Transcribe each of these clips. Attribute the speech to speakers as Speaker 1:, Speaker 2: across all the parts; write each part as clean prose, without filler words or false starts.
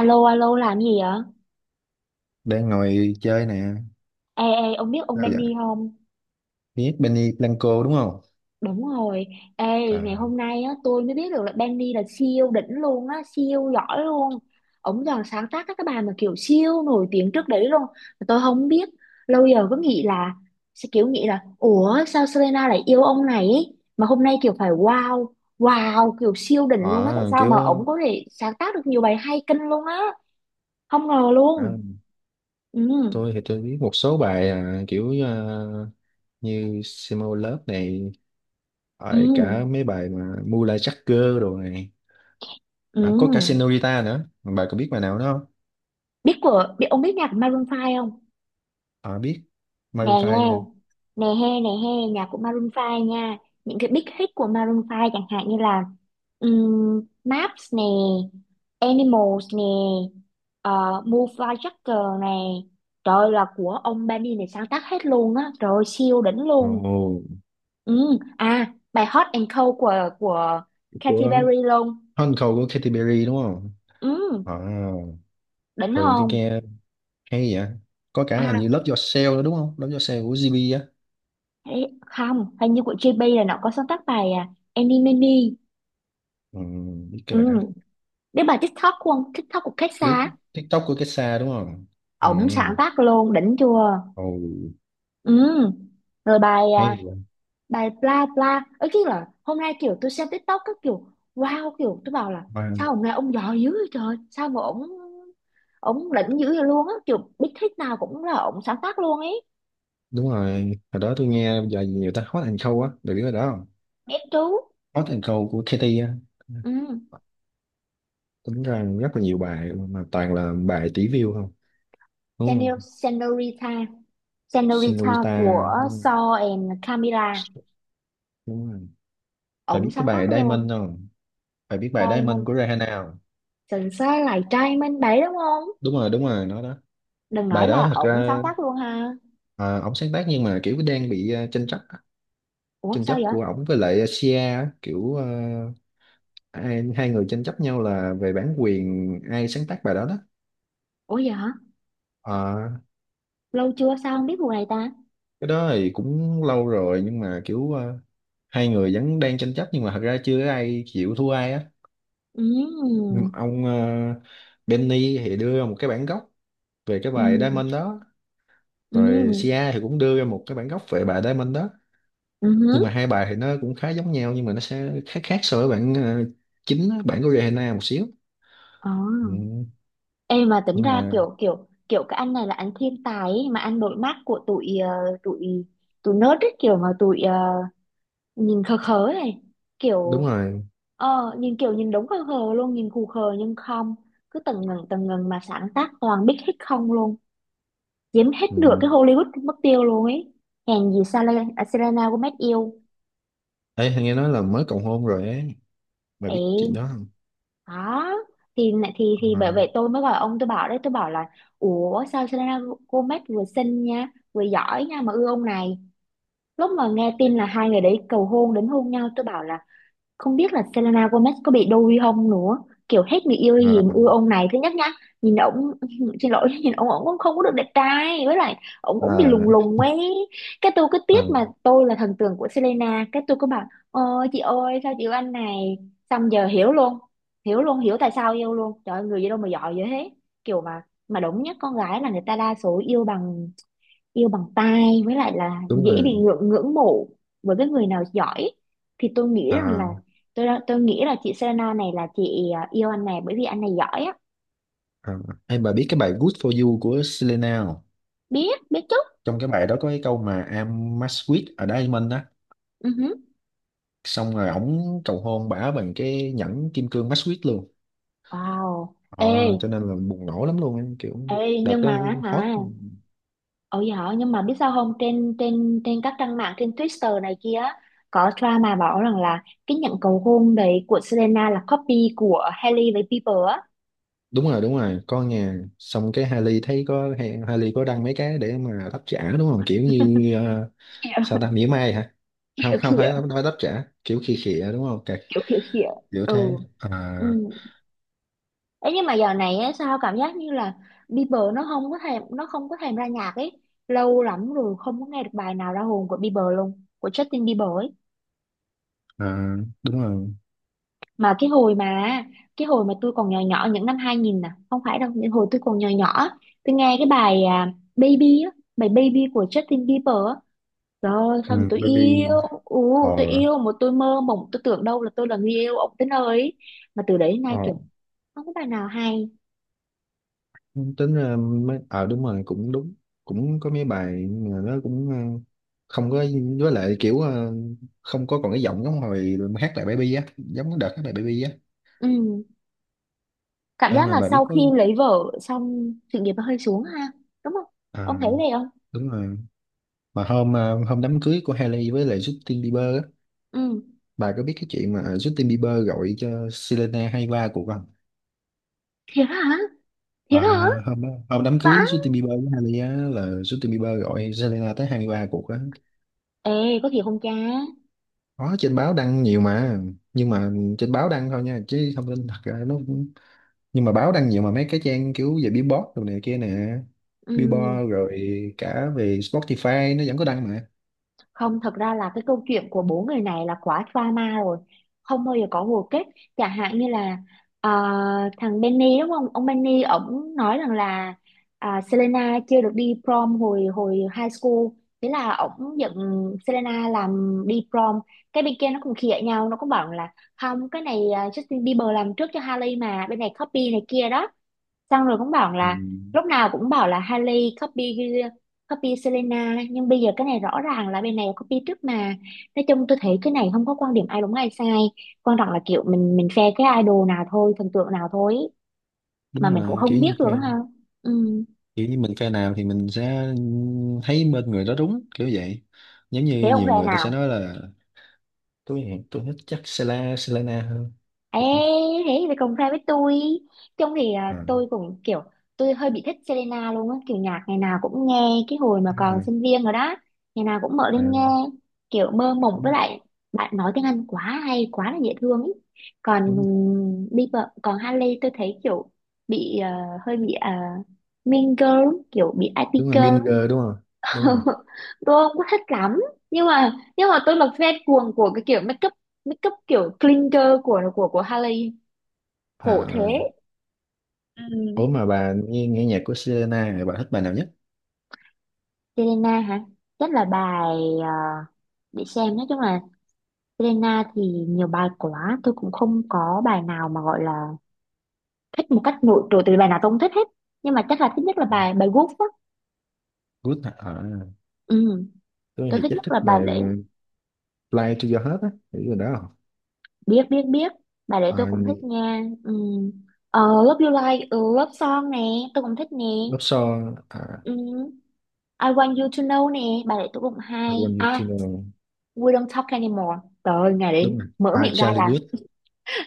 Speaker 1: Alo, alo, làm gì vậy?
Speaker 2: Đang ngồi chơi nè.
Speaker 1: Ê, ê, ông biết ông
Speaker 2: Sao vậy?
Speaker 1: Benny không?
Speaker 2: Biết Benny Blanco đúng không?
Speaker 1: Đúng rồi. Ê, ngày
Speaker 2: à
Speaker 1: hôm nay á, tôi mới biết được là Benny là siêu đỉnh luôn á, siêu giỏi luôn. Ông giờ sáng tác các cái bài mà kiểu siêu nổi tiếng trước đấy luôn. Mà tôi không biết. Lâu giờ cứ nghĩ là, sẽ kiểu nghĩ là, ủa sao Selena lại yêu ông này ấy? Mà hôm nay kiểu phải wow, wow, kiểu siêu đỉnh luôn á. Tại
Speaker 2: ờ,
Speaker 1: sao
Speaker 2: kiểu
Speaker 1: mà ông có thể sáng tác được nhiều bài hay kinh luôn á? Không ngờ
Speaker 2: à,
Speaker 1: luôn. Ừ,
Speaker 2: tôi thì tôi biết một số bài, như Simo Love này,
Speaker 1: ừ,
Speaker 2: rồi cả mấy bài mà Mula Jagger đồ này.
Speaker 1: ừ.
Speaker 2: Có cả Senorita nữa, bà có biết bài nào đó không?
Speaker 1: Biết ông biết nhạc của Maroon 5 không?
Speaker 2: Biết
Speaker 1: Nè
Speaker 2: Maroon
Speaker 1: nghe,
Speaker 2: 5.
Speaker 1: nè he nè he, nhạc của Maroon 5 nha. Những cái big hit của Maroon 5 chẳng hạn như là Maps nè, Animals nè, Move Like Jagger nè. Trời ơi, là của ông Benny này sáng tác hết luôn á, trời ơi, siêu đỉnh luôn.
Speaker 2: Ồ,
Speaker 1: Ừ, à, bài Hot and Cold của Katy
Speaker 2: của
Speaker 1: Perry luôn.
Speaker 2: Hôn Khâu của Katy Perry đúng không?
Speaker 1: Ừ,
Speaker 2: à,
Speaker 1: đỉnh
Speaker 2: Thường tôi
Speaker 1: không?
Speaker 2: nghe. Hay vậy. Có cả hình như
Speaker 1: à
Speaker 2: Love Yourself nữa đúng không? Love Yourself của GB á.
Speaker 1: Không, hình như của JB là nó có sáng tác bài Enemy Me.
Speaker 2: ừ, Biết cái
Speaker 1: Ừ.
Speaker 2: bài đó.
Speaker 1: Biết bài TikTok của ông, TikTok của Cách
Speaker 2: Biết
Speaker 1: xa,
Speaker 2: TikTok của cái xa đúng không? Ừ.
Speaker 1: ổng sáng tác luôn, đỉnh chưa?
Speaker 2: Ồ.
Speaker 1: Ừ. Rồi bài
Speaker 2: Hay vậy.
Speaker 1: bài bla bla. Ấy cái là hôm nay kiểu tôi xem TikTok các kiểu wow, kiểu tôi bảo là
Speaker 2: Và
Speaker 1: sao ông này ông giỏi dữ vậy trời, sao mà ổng ổng đỉnh dữ vậy luôn á, kiểu big hit nào cũng là ổng sáng tác luôn ấy.
Speaker 2: đúng rồi. Hồi đó tôi nghe giờ nhiều ta, Hot and Cold á, được biết cái đó không?
Speaker 1: Biết chú.
Speaker 2: Hot and Cold của Katy á.
Speaker 1: Ừ.
Speaker 2: Tính ra rất là nhiều bài mà toàn là bài tỷ view không, đúng
Speaker 1: Senor,
Speaker 2: không?
Speaker 1: Senorita, Senorita
Speaker 2: Senorita
Speaker 1: của
Speaker 2: đúng không?
Speaker 1: Saw and Camila.
Speaker 2: Đúng rồi. Phải
Speaker 1: Ổng
Speaker 2: biết cái
Speaker 1: sáng
Speaker 2: bài
Speaker 1: tác luôn.
Speaker 2: Diamond không? Phải biết bài
Speaker 1: Trai mình,
Speaker 2: Diamond của Rihanna không?
Speaker 1: sần xa lại trai mình đấy đúng không?
Speaker 2: Đúng rồi, đúng rồi, nó đó.
Speaker 1: Đừng
Speaker 2: Bài
Speaker 1: nói
Speaker 2: đó
Speaker 1: là
Speaker 2: thật
Speaker 1: ổng sáng
Speaker 2: ra,
Speaker 1: tác luôn ha.
Speaker 2: ổng sáng tác nhưng mà kiểu đang bị tranh chấp á.
Speaker 1: Ủa
Speaker 2: Tranh
Speaker 1: sao
Speaker 2: chấp
Speaker 1: vậy?
Speaker 2: của ổng với lại Sia á, hai người tranh chấp nhau là về bản quyền ai sáng tác bài đó đó.
Speaker 1: Ủa vậy hả?
Speaker 2: Ờ,
Speaker 1: Lâu chưa sao không biết vụ này ta.
Speaker 2: cái đó thì cũng lâu rồi, nhưng mà kiểu hai người vẫn đang tranh chấp nhưng mà thật ra chưa có ai chịu thua ai á.
Speaker 1: Ừ,
Speaker 2: Nhưng mà ông Benny thì đưa ra một cái bản gốc về cái
Speaker 1: ừ,
Speaker 2: bài Diamond đó,
Speaker 1: ừ,
Speaker 2: rồi Sia thì cũng đưa ra một cái bản gốc về bài Diamond đó.
Speaker 1: ừ hứ.
Speaker 2: Nhưng mà hai bài thì nó cũng khá giống nhau, nhưng mà nó sẽ khác khác so với bản chính á, bản của Rihanna một xíu.
Speaker 1: Ờ.
Speaker 2: Ừ,
Speaker 1: Ê mà tính
Speaker 2: nhưng
Speaker 1: ra
Speaker 2: mà
Speaker 1: kiểu kiểu kiểu cái anh này là anh thiên tài ấy, mà anh đội mắt của tụi tụi tụi nớt ấy, kiểu mà tụi nhìn khờ khờ ấy này,
Speaker 2: đúng
Speaker 1: kiểu
Speaker 2: rồi.
Speaker 1: ờ, nhìn kiểu nhìn đúng khờ khờ luôn, nhìn khù khờ nhưng không, cứ tầng ngần mà sáng tác toàn biết hết không luôn, chiếm hết nửa
Speaker 2: Ừ.
Speaker 1: cái Hollywood mất tiêu luôn ấy. Hèn gì Selena Gomez yêu.
Speaker 2: Ê, nghe nói là mới cầu hôn rồi ấy. Bà biết
Speaker 1: Ấy
Speaker 2: chị đó không?
Speaker 1: đó, thì bởi
Speaker 2: À.
Speaker 1: vậy tôi mới gọi ông, tôi bảo đấy, tôi bảo là ủa sao Selena Gomez vừa xinh nha vừa giỏi nha mà ưa ông này. Lúc mà nghe tin là hai người đấy cầu hôn đến hôn nhau tôi bảo là không biết là Selena Gomez có bị đôi không nữa, kiểu hết người yêu gì
Speaker 2: À.
Speaker 1: mà yêu ông này thứ nhất nhá. Nhìn ổng xin lỗi, nhìn ổng, ổng cũng không có được đẹp trai với lại ổng cũng bị
Speaker 2: À.
Speaker 1: lùng lùng ấy. Cái tôi cứ
Speaker 2: À,
Speaker 1: tiếc, mà tôi là thần tượng của Selena, cái tôi cứ bảo ôi chị ơi sao chị yêu anh này. Xong giờ hiểu luôn, hiểu luôn, hiểu tại sao yêu luôn. Trời ơi, người gì đâu mà giỏi vậy thế. Kiểu mà đúng nhất con gái là người ta đa số yêu bằng, yêu bằng tai với lại là
Speaker 2: đúng
Speaker 1: dễ bị
Speaker 2: rồi.
Speaker 1: ngưỡng ngưỡng mộ với cái người nào giỏi, thì tôi nghĩ rằng
Speaker 2: À.
Speaker 1: là tôi nghĩ là chị Selena này là chị yêu anh này bởi vì anh này giỏi á.
Speaker 2: À. Em, bà biết cái bài Good For You của Selena không?
Speaker 1: Biết biết chút.
Speaker 2: Trong cái bài đó có cái câu mà I'm match with a diamond á.
Speaker 1: Ừ hứ.
Speaker 2: Xong rồi ổng cầu hôn bả bằng cái nhẫn kim cương match with luôn.
Speaker 1: Wow. Ê.
Speaker 2: Ờ, cho nên là bùng nổ lắm luôn, em kiểu
Speaker 1: Ê
Speaker 2: đợt
Speaker 1: nhưng
Speaker 2: đó
Speaker 1: mà hả,
Speaker 2: hot.
Speaker 1: ôi giỏi nhưng mà biết sao không, trên trên trên các trang mạng, trên Twitter này kia á, có drama bảo rằng là cái nhận cầu hôn đấy của Selena là copy của Hailey với Bieber á.
Speaker 2: Đúng rồi, đúng rồi, con nhà xong cái Hailey thấy có. Hailey có đăng mấy cái để mà đáp trả đúng không, kiểu như
Speaker 1: kiểu
Speaker 2: sao ta, mỉa mai hả?
Speaker 1: kiểu
Speaker 2: Không, không
Speaker 1: kiểu
Speaker 2: phải nói đáp trả, kiểu khi khịa đúng không? Cái
Speaker 1: kiểu kiểu kiểu
Speaker 2: kiểu
Speaker 1: ừ,
Speaker 2: thế à.
Speaker 1: ừ. Ấy nhưng mà giờ này á, sao cảm giác như là Bieber nó không có thèm, nó không có thèm ra nhạc ấy. Lâu lắm rồi không có nghe được bài nào ra hồn của Bieber luôn, của Justin Bieber ấy.
Speaker 2: à Đúng. Rồi
Speaker 1: Mà cái hồi mà cái hồi mà tôi còn nhỏ nhỏ những năm 2000 nè, không phải đâu, những hồi tôi còn nhỏ nhỏ á, tôi nghe cái bài Baby á, bài Baby của Justin Bieber á. Trời ơi
Speaker 2: ừ,
Speaker 1: sao mà tôi
Speaker 2: Baby
Speaker 1: yêu, tôi
Speaker 2: or.
Speaker 1: yêu mà tôi mơ mộng, tôi tưởng đâu là tôi là người yêu ông tới nơi ấy. Mà từ đấy đến
Speaker 2: Ờ,
Speaker 1: nay kiểu không có bài nào hay.
Speaker 2: tính ra mấy đúng rồi, cũng đúng, cũng có mấy bài mà nó cũng không có, với lại kiểu không có còn cái giọng giống hồi mà hát lại baby á, giống cái đợt hát lại baby á.
Speaker 1: Ừ, cảm
Speaker 2: Em
Speaker 1: giác
Speaker 2: mà
Speaker 1: là
Speaker 2: bà biết
Speaker 1: sau
Speaker 2: có.
Speaker 1: khi lấy vợ xong sự nghiệp nó hơi xuống ha, đúng không? Ông
Speaker 2: À,
Speaker 1: thấy vậy không?
Speaker 2: đúng rồi. Mà hôm hôm đám cưới của Hailey với lại Justin Bieber á,
Speaker 1: Ừ.
Speaker 2: bà có biết cái chuyện mà Justin Bieber gọi cho Selena hay va cuộc không?
Speaker 1: Thiệt hả? Thiệt hả?
Speaker 2: À, hôm đó, hôm đám cưới
Speaker 1: Vãi.
Speaker 2: Justin Bieber với Hailey á, là Justin Bieber gọi Selena tới 23 cuộc á.
Speaker 1: Ê, có thiệt không cha?
Speaker 2: Có trên báo đăng nhiều mà, nhưng mà trên báo đăng thôi nha, chứ thông tin thật ra nó cũng- nhưng mà báo đăng nhiều mà, mấy cái trang kiểu về Billboard đồ này kia nè,
Speaker 1: Ừ.
Speaker 2: Billboard rồi cả về Spotify nó vẫn có đăng mà.
Speaker 1: Không, thật ra là cái câu chuyện của bốn người này là quá drama rồi. Không bao giờ có hồi kết. Chẳng hạn như là ờ, thằng Benny đúng không? Ông Benny ổng nói rằng là Selena chưa được đi prom hồi hồi high school. Thế là ổng giận Selena làm đi prom. Cái bên kia nó cũng khịa nhau, nó cũng bảo là không, cái này Justin Bieber làm trước cho Hailey mà, bên này copy này kia đó. Xong rồi cũng bảo
Speaker 2: Ừ,
Speaker 1: là lúc nào cũng bảo là Hailey copy, Selena, nhưng bây giờ cái này rõ ràng là bên này copy trước mà. Nói chung tôi thấy cái này không có quan điểm ai đúng ai sai, quan trọng là kiểu mình phe cái idol nào thôi, thần tượng nào thôi, mà
Speaker 2: đúng
Speaker 1: mình cũng
Speaker 2: rồi, kiểu
Speaker 1: không biết
Speaker 2: như
Speaker 1: được
Speaker 2: fan,
Speaker 1: ha. Ừ.
Speaker 2: kiểu như mình fan nào thì mình sẽ thấy bên người đó đúng, kiểu vậy. Giống như
Speaker 1: Thế ông
Speaker 2: nhiều
Speaker 1: phe
Speaker 2: người ta sẽ
Speaker 1: nào?
Speaker 2: nói là tôi thích chắc Sela Selena
Speaker 1: Ê, thế thì cùng fan với tôi. Trông thì à,
Speaker 2: hơn.
Speaker 1: tôi cũng kiểu, tôi hơi bị thích Selena luôn á. Kiểu nhạc ngày nào cũng nghe. Cái hồi mà
Speaker 2: Đúng
Speaker 1: còn
Speaker 2: rồi.
Speaker 1: sinh viên rồi đó, ngày nào cũng mở
Speaker 2: à,
Speaker 1: lên nghe, kiểu mơ mộng với
Speaker 2: Đúng,
Speaker 1: lại bạn nói tiếng Anh quá hay, quá là dễ thương ý. Còn
Speaker 2: đúng,
Speaker 1: Bieber, còn Hailey tôi thấy kiểu bị hơi bị uh, Mean Girl, kiểu bị IT
Speaker 2: đúng rồi,
Speaker 1: girl.
Speaker 2: Binger đúng không? Đúng rồi.
Speaker 1: Tôi không có thích lắm. Nhưng mà, nhưng mà tôi là fan cuồng của cái kiểu make up, make up kiểu clean girl của của Hailey. Khổ thế.
Speaker 2: À.
Speaker 1: Ừ.
Speaker 2: Ủa, mà bà nghe, nghe nhạc của Selena thì bà thích bài nào nhất?
Speaker 1: Selena hả? Rất là bài ờ, để xem, nói chung là Selena thì nhiều bài quá, tôi cũng không có bài nào mà gọi là thích một cách nổi trội, từ bài nào tôi cũng thích hết, nhưng mà chắc là thích nhất là bài bài Wolf á.
Speaker 2: Good hả?
Speaker 1: Ừ.
Speaker 2: Tôi
Speaker 1: Tôi
Speaker 2: thì
Speaker 1: thích
Speaker 2: chắc
Speaker 1: nhất
Speaker 2: thích
Speaker 1: là
Speaker 2: bài
Speaker 1: bài lễ.
Speaker 2: Fly to Your Heart á, hiểu rồi đó không?
Speaker 1: Biết biết biết. Bài lễ tôi
Speaker 2: à,
Speaker 1: cũng thích nha. Ừ. Ờ, Love You Like Love Song nè, tôi cũng thích nè.
Speaker 2: Love Song.
Speaker 1: Ừ. I Want You To Know nè, bài để tôi cũng
Speaker 2: I
Speaker 1: hay
Speaker 2: Want You to
Speaker 1: à.
Speaker 2: Know.
Speaker 1: We Don't Talk Anymore, trời ơi, ngày đấy
Speaker 2: Đúng rồi,
Speaker 1: mở miệng ra
Speaker 2: Charlie
Speaker 1: là
Speaker 2: Puth.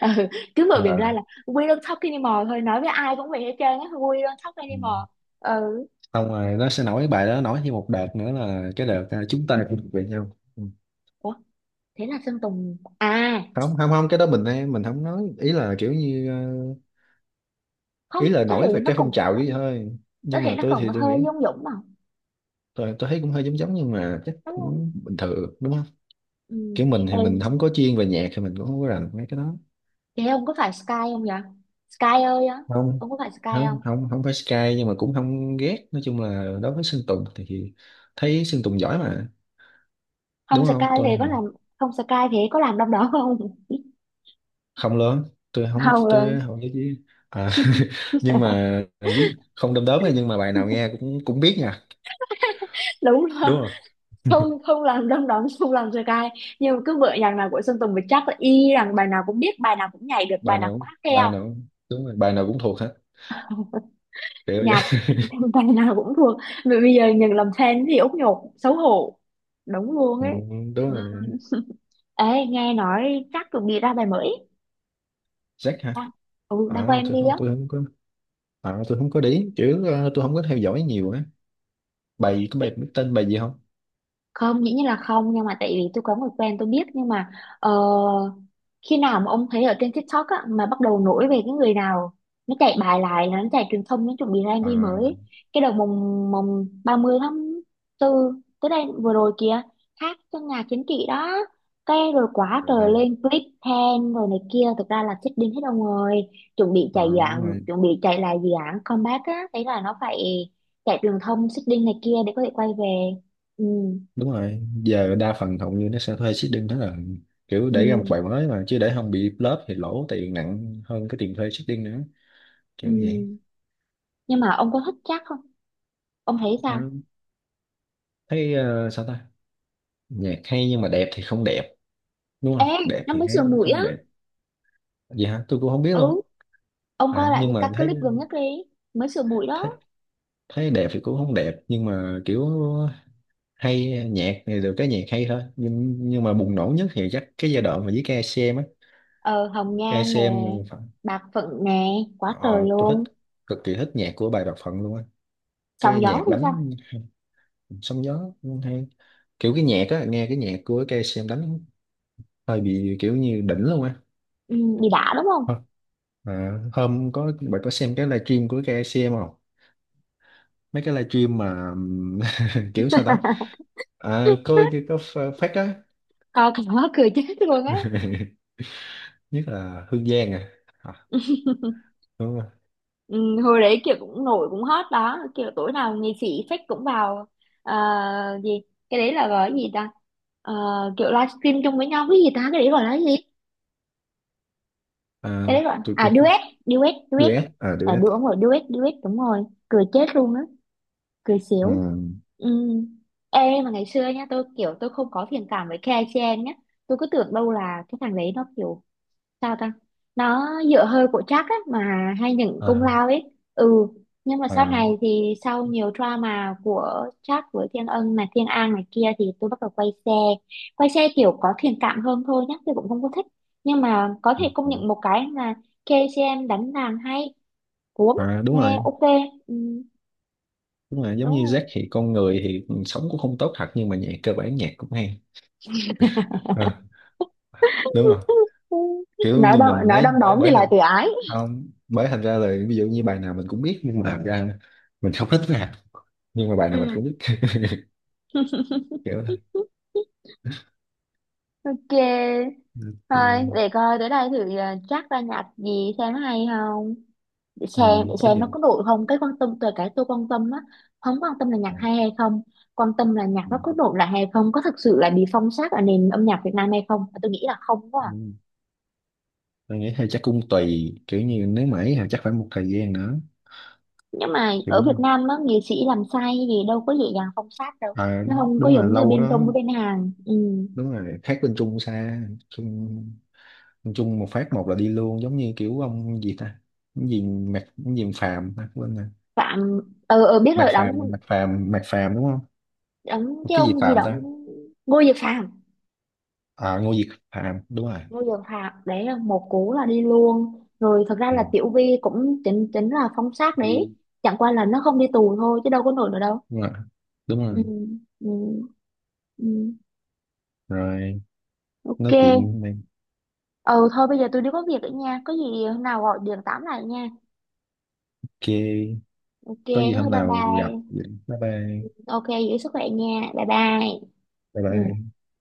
Speaker 1: ừ, cứ mở miệng ra
Speaker 2: à,
Speaker 1: là we don't talk anymore thôi, nói với ai cũng vậy hết trơn á, we don't talk
Speaker 2: ừ.
Speaker 1: anymore. Ừ.
Speaker 2: Xong rồi nó sẽ nổi bài đó, nổi thêm một đợt nữa là cái đợt chúng ta cũng thuộc về nhau. Ừ.
Speaker 1: Ủa thế là Sơn Tùng à?
Speaker 2: Không, không, không, cái đó mình không nói, ý là kiểu như
Speaker 1: Không,
Speaker 2: ý là
Speaker 1: có thể
Speaker 2: nổi về
Speaker 1: nó
Speaker 2: cái
Speaker 1: còn,
Speaker 2: phong trào vậy thôi.
Speaker 1: có
Speaker 2: Nhưng
Speaker 1: thể
Speaker 2: mà
Speaker 1: nó
Speaker 2: tôi
Speaker 1: còn
Speaker 2: thì tôi
Speaker 1: hơi
Speaker 2: nghĩ
Speaker 1: Dung Dũng mà,
Speaker 2: tôi thấy cũng hơi giống giống, nhưng mà chắc
Speaker 1: đúng không?
Speaker 2: cũng bình thường đúng không?
Speaker 1: Ừ.
Speaker 2: Kiểu mình thì mình
Speaker 1: Em,
Speaker 2: không có chuyên về nhạc thì mình cũng không có rành mấy cái đó.
Speaker 1: thế ông có phải Sky không vậy? Sky ơi á,
Speaker 2: Không,
Speaker 1: ông có phải Sky
Speaker 2: không,
Speaker 1: không?
Speaker 2: không, không phải Sky, nhưng mà cũng không ghét. Nói chung là đối với Sơn Tùng thì thấy Sơn Tùng giỏi mà,
Speaker 1: Không
Speaker 2: đúng
Speaker 1: Sky
Speaker 2: không?
Speaker 1: thì
Speaker 2: Tôi
Speaker 1: có
Speaker 2: thì
Speaker 1: làm không? Sky thì có làm đông đỏ không?
Speaker 2: không lớn, tôi không
Speaker 1: Không luôn.
Speaker 2: tôi không biết gì. À, nhưng mà biết không, đom đóm nha, nhưng mà bài nào nghe cũng cũng biết nha.
Speaker 1: Đúng rồi,
Speaker 2: Đúng rồi.
Speaker 1: không, không làm đom đóm, không làm sơ cai, nhưng mà cứ bữa nhạc nào của Sơn Tùng thì chắc là y rằng bài nào cũng biết, bài nào cũng nhảy được, bài nào cũng hát theo.
Speaker 2: Đúng rồi, bài nào cũng thuộc hết, kiểu
Speaker 1: Nhạc
Speaker 2: vậy.
Speaker 1: bài nào cũng thuộc. Mà bây giờ nhận làm fan thì út nhột xấu hổ, đúng luôn
Speaker 2: Ừ,
Speaker 1: ấy.
Speaker 2: đúng
Speaker 1: Ừ.
Speaker 2: rồi.
Speaker 1: Ê nghe nói chắc chuẩn bị ra bài mới.
Speaker 2: Jack hả?
Speaker 1: Đang, ừ đang quay
Speaker 2: à, tôi
Speaker 1: MV
Speaker 2: không
Speaker 1: á.
Speaker 2: tôi không có. À, tôi không có để ý, chứ tôi không có theo dõi nhiều á. Bài gì, có bài biết tên bài gì không?
Speaker 1: Không, dĩ nhiên là không nhưng mà tại vì tôi có người quen tôi biết, nhưng mà ờ, khi nào mà ông thấy ở trên TikTok á, mà bắt đầu nổi về cái người nào, nó chạy bài lại là nó chạy truyền thông, nó chuẩn bị ra
Speaker 2: À.
Speaker 1: MV mới ấy. Cái đầu mùng mùng 30/4 tới đây vừa rồi kìa, hát trong nhà chính trị đó, cái rồi quá trời
Speaker 2: À.
Speaker 1: lên clip then rồi này kia, thực ra là chết điên hết ông rồi. Chuẩn bị
Speaker 2: À,
Speaker 1: chạy dự
Speaker 2: đúng
Speaker 1: án,
Speaker 2: rồi.
Speaker 1: chuẩn bị chạy lại dự án comeback á, thấy là nó phải chạy truyền thông xích đinh này kia để có thể quay về. Ừ,
Speaker 2: Đúng rồi, giờ đa phần hầu như nó sẽ thuê seeding đó, là kiểu để ra một
Speaker 1: ừ,
Speaker 2: bài mới mà chứ để không bị flop thì lỗ tiền nặng hơn cái tiền thuê seeding nữa,
Speaker 1: ừ.
Speaker 2: kiểu vậy.
Speaker 1: Nhưng mà ông có thích chắc không? Ông thấy
Speaker 2: Ờ,
Speaker 1: sao?
Speaker 2: thấy sao ta, nhạc hay nhưng mà đẹp thì không đẹp, đúng
Speaker 1: Ê,
Speaker 2: không, đẹp
Speaker 1: nó
Speaker 2: thì
Speaker 1: mới
Speaker 2: thấy
Speaker 1: sửa
Speaker 2: cũng
Speaker 1: mũi
Speaker 2: không
Speaker 1: á.
Speaker 2: đẹp. Vậy hả, tôi cũng không biết
Speaker 1: Ừ,
Speaker 2: luôn.
Speaker 1: ông coi
Speaker 2: À,
Speaker 1: lại cái
Speaker 2: nhưng mà
Speaker 1: các
Speaker 2: thấy,
Speaker 1: clip gần nhất đi, mới sửa mũi
Speaker 2: thấy
Speaker 1: đó.
Speaker 2: thấy đẹp thì cũng không đẹp, nhưng mà kiểu hay, nhạc thì được, cái nhạc hay thôi. Nhưng mà bùng nổ nhất thì chắc cái giai đoạn mà với ca xê em á,
Speaker 1: Ờ, hồng nhan nè,
Speaker 2: KCM phận-
Speaker 1: bạc phận nè,
Speaker 2: ờ,
Speaker 1: quá trời
Speaker 2: tôi thích
Speaker 1: luôn.
Speaker 2: cực kỳ thích nhạc của bài Bạc Phận luôn á.
Speaker 1: Sóng
Speaker 2: Cái
Speaker 1: gió
Speaker 2: nhạc
Speaker 1: thì sao?
Speaker 2: đánh sóng gió hay, kiểu cái nhạc á, nghe cái nhạc của ca xê em đánh hơi bị kiểu như đỉnh luôn á.
Speaker 1: Ừ, bị đã đúng không?
Speaker 2: Ờ, à, hôm có bạn có xem cái livestream của ca xê em không, mấy cái livestream mà kiểu sao ta. À, có phát á.
Speaker 1: Coi cái đó cười chết luôn á.
Speaker 2: Nhất là Hương Giang. À. À đúng.
Speaker 1: Ừ, hồi đấy kiểu cũng nổi cũng hot đó, kiểu tối nào nghệ sĩ fake cũng vào. Ờ, gì, cái đấy là gọi là gì ta? Ờ, kiểu livestream chung với nhau cái gì ta, cái đấy gọi là gì?
Speaker 2: À,
Speaker 1: Cái đấy gọi
Speaker 2: tôi có
Speaker 1: duet, duet.
Speaker 2: duet. À
Speaker 1: Là
Speaker 2: duet.
Speaker 1: đúng rồi, duet, duet, đúng rồi. Cười chết luôn á. Cười
Speaker 2: Ừ.
Speaker 1: xỉu. Ừ. Ê mà ngày xưa nhá, tôi kiểu tôi không có thiện cảm với KCN nhá, tôi cứ tưởng đâu là cái thằng đấy nó kiểu sao ta, nó dựa hơi của Jack á mà, hay những công
Speaker 2: À.
Speaker 1: lao ấy. Ừ, nhưng mà sau
Speaker 2: À.
Speaker 1: này thì sau nhiều drama của Jack với Thiên Ân này, Thiên An này kia thì tôi bắt đầu quay xe, quay xe kiểu có thiện cảm hơn thôi, nhá tôi cũng không có thích, nhưng mà có
Speaker 2: Ừ.
Speaker 1: thể công
Speaker 2: Ừ.
Speaker 1: nhận một cái là KCM đánh đàn hay, cuốn,
Speaker 2: À, đúng
Speaker 1: nghe
Speaker 2: rồi,
Speaker 1: ok. Ừ,
Speaker 2: đúng rồi, giống
Speaker 1: đúng
Speaker 2: như
Speaker 1: rồi.
Speaker 2: Jack thì con người thì sống cũng không tốt thật nhưng mà nhạc cơ bản nhạc cũng hay. À, đúng rồi. Kiểu như mình
Speaker 1: Nói
Speaker 2: ấy,
Speaker 1: đom
Speaker 2: bởi
Speaker 1: đóm thì
Speaker 2: bởi
Speaker 1: lại
Speaker 2: hình
Speaker 1: tự ái.
Speaker 2: không, bởi thành ra là ví dụ như bài nào mình cũng biết, nhưng mà thật ra mình không thích rap, nhưng mà bài nào
Speaker 1: Ừ,
Speaker 2: mình cũng biết. Kiểu thôi.
Speaker 1: ok, thôi
Speaker 2: Yeah.
Speaker 1: để coi tới đây thử Jack ra nhạc gì xem hay không. Sàn xem, để
Speaker 2: Ừ, có
Speaker 1: xem
Speaker 2: gì.
Speaker 1: nó có nổi không, cái quan tâm từ cái tôi quan tâm á. Không quan tâm là nhạc
Speaker 2: À,
Speaker 1: hay hay không, quan tâm là nhạc
Speaker 2: ừ.
Speaker 1: nó có nổi lại hay không, có thực sự là bị phong sát ở nền âm nhạc Việt Nam hay không, tôi nghĩ là không quá à.
Speaker 2: Ừ. Tôi nghĩ hay chắc cũng tùy, kiểu như nếu mà ấy thì chắc phải một thời gian nữa,
Speaker 1: Nhưng mà ở
Speaker 2: kiểu.
Speaker 1: Việt Nam á nghệ sĩ làm sai gì đâu có dễ dàng phong sát đâu,
Speaker 2: À,
Speaker 1: nó không có
Speaker 2: đúng là
Speaker 1: giống như
Speaker 2: lâu
Speaker 1: bên
Speaker 2: đó.
Speaker 1: Trung với bên Hàn. Ừ.
Speaker 2: Đúng rồi, khác bên Trung xa. Trung, bên Trung một phát một là đi luôn, giống như kiểu ông gì ta, cái gì Mạc cái gì Phàm ta, quên rồi.
Speaker 1: Phạm. Ờ ờ, biết
Speaker 2: Mạc
Speaker 1: rồi đóng,
Speaker 2: Phàm, Mạc Phàm đúng không?
Speaker 1: đóng cái
Speaker 2: Cái gì
Speaker 1: ông gì
Speaker 2: Phàm
Speaker 1: đóng.
Speaker 2: ta?
Speaker 1: Ngô Dược Phạm.
Speaker 2: À Ngô diệt Phàm, đúng rồi.
Speaker 1: Ngô Dần Hạc đấy là một cú là đi luôn rồi, thật ra
Speaker 2: Ừ.
Speaker 1: là Tiểu Vy cũng chính chính là phóng sát đấy,
Speaker 2: Đi.
Speaker 1: chẳng qua là nó không đi tù thôi chứ đâu có nổi nữa đâu.
Speaker 2: Đúng rồi, đúng
Speaker 1: Ừ,
Speaker 2: rồi.
Speaker 1: ừ, ừ.
Speaker 2: Rồi, nói
Speaker 1: Ok.
Speaker 2: chuyện này
Speaker 1: Ừ thôi bây giờ tôi đi có việc nữa nha, có gì hôm nào gọi điện tám lại nha.
Speaker 2: kia,
Speaker 1: Ok,
Speaker 2: có gì
Speaker 1: thôi
Speaker 2: hôm
Speaker 1: bye
Speaker 2: nào gặp
Speaker 1: bye.
Speaker 2: vậy. Bye bye.
Speaker 1: Ok, giữ sức khỏe nha, bye bye.
Speaker 2: Bye
Speaker 1: Ừ.
Speaker 2: bye.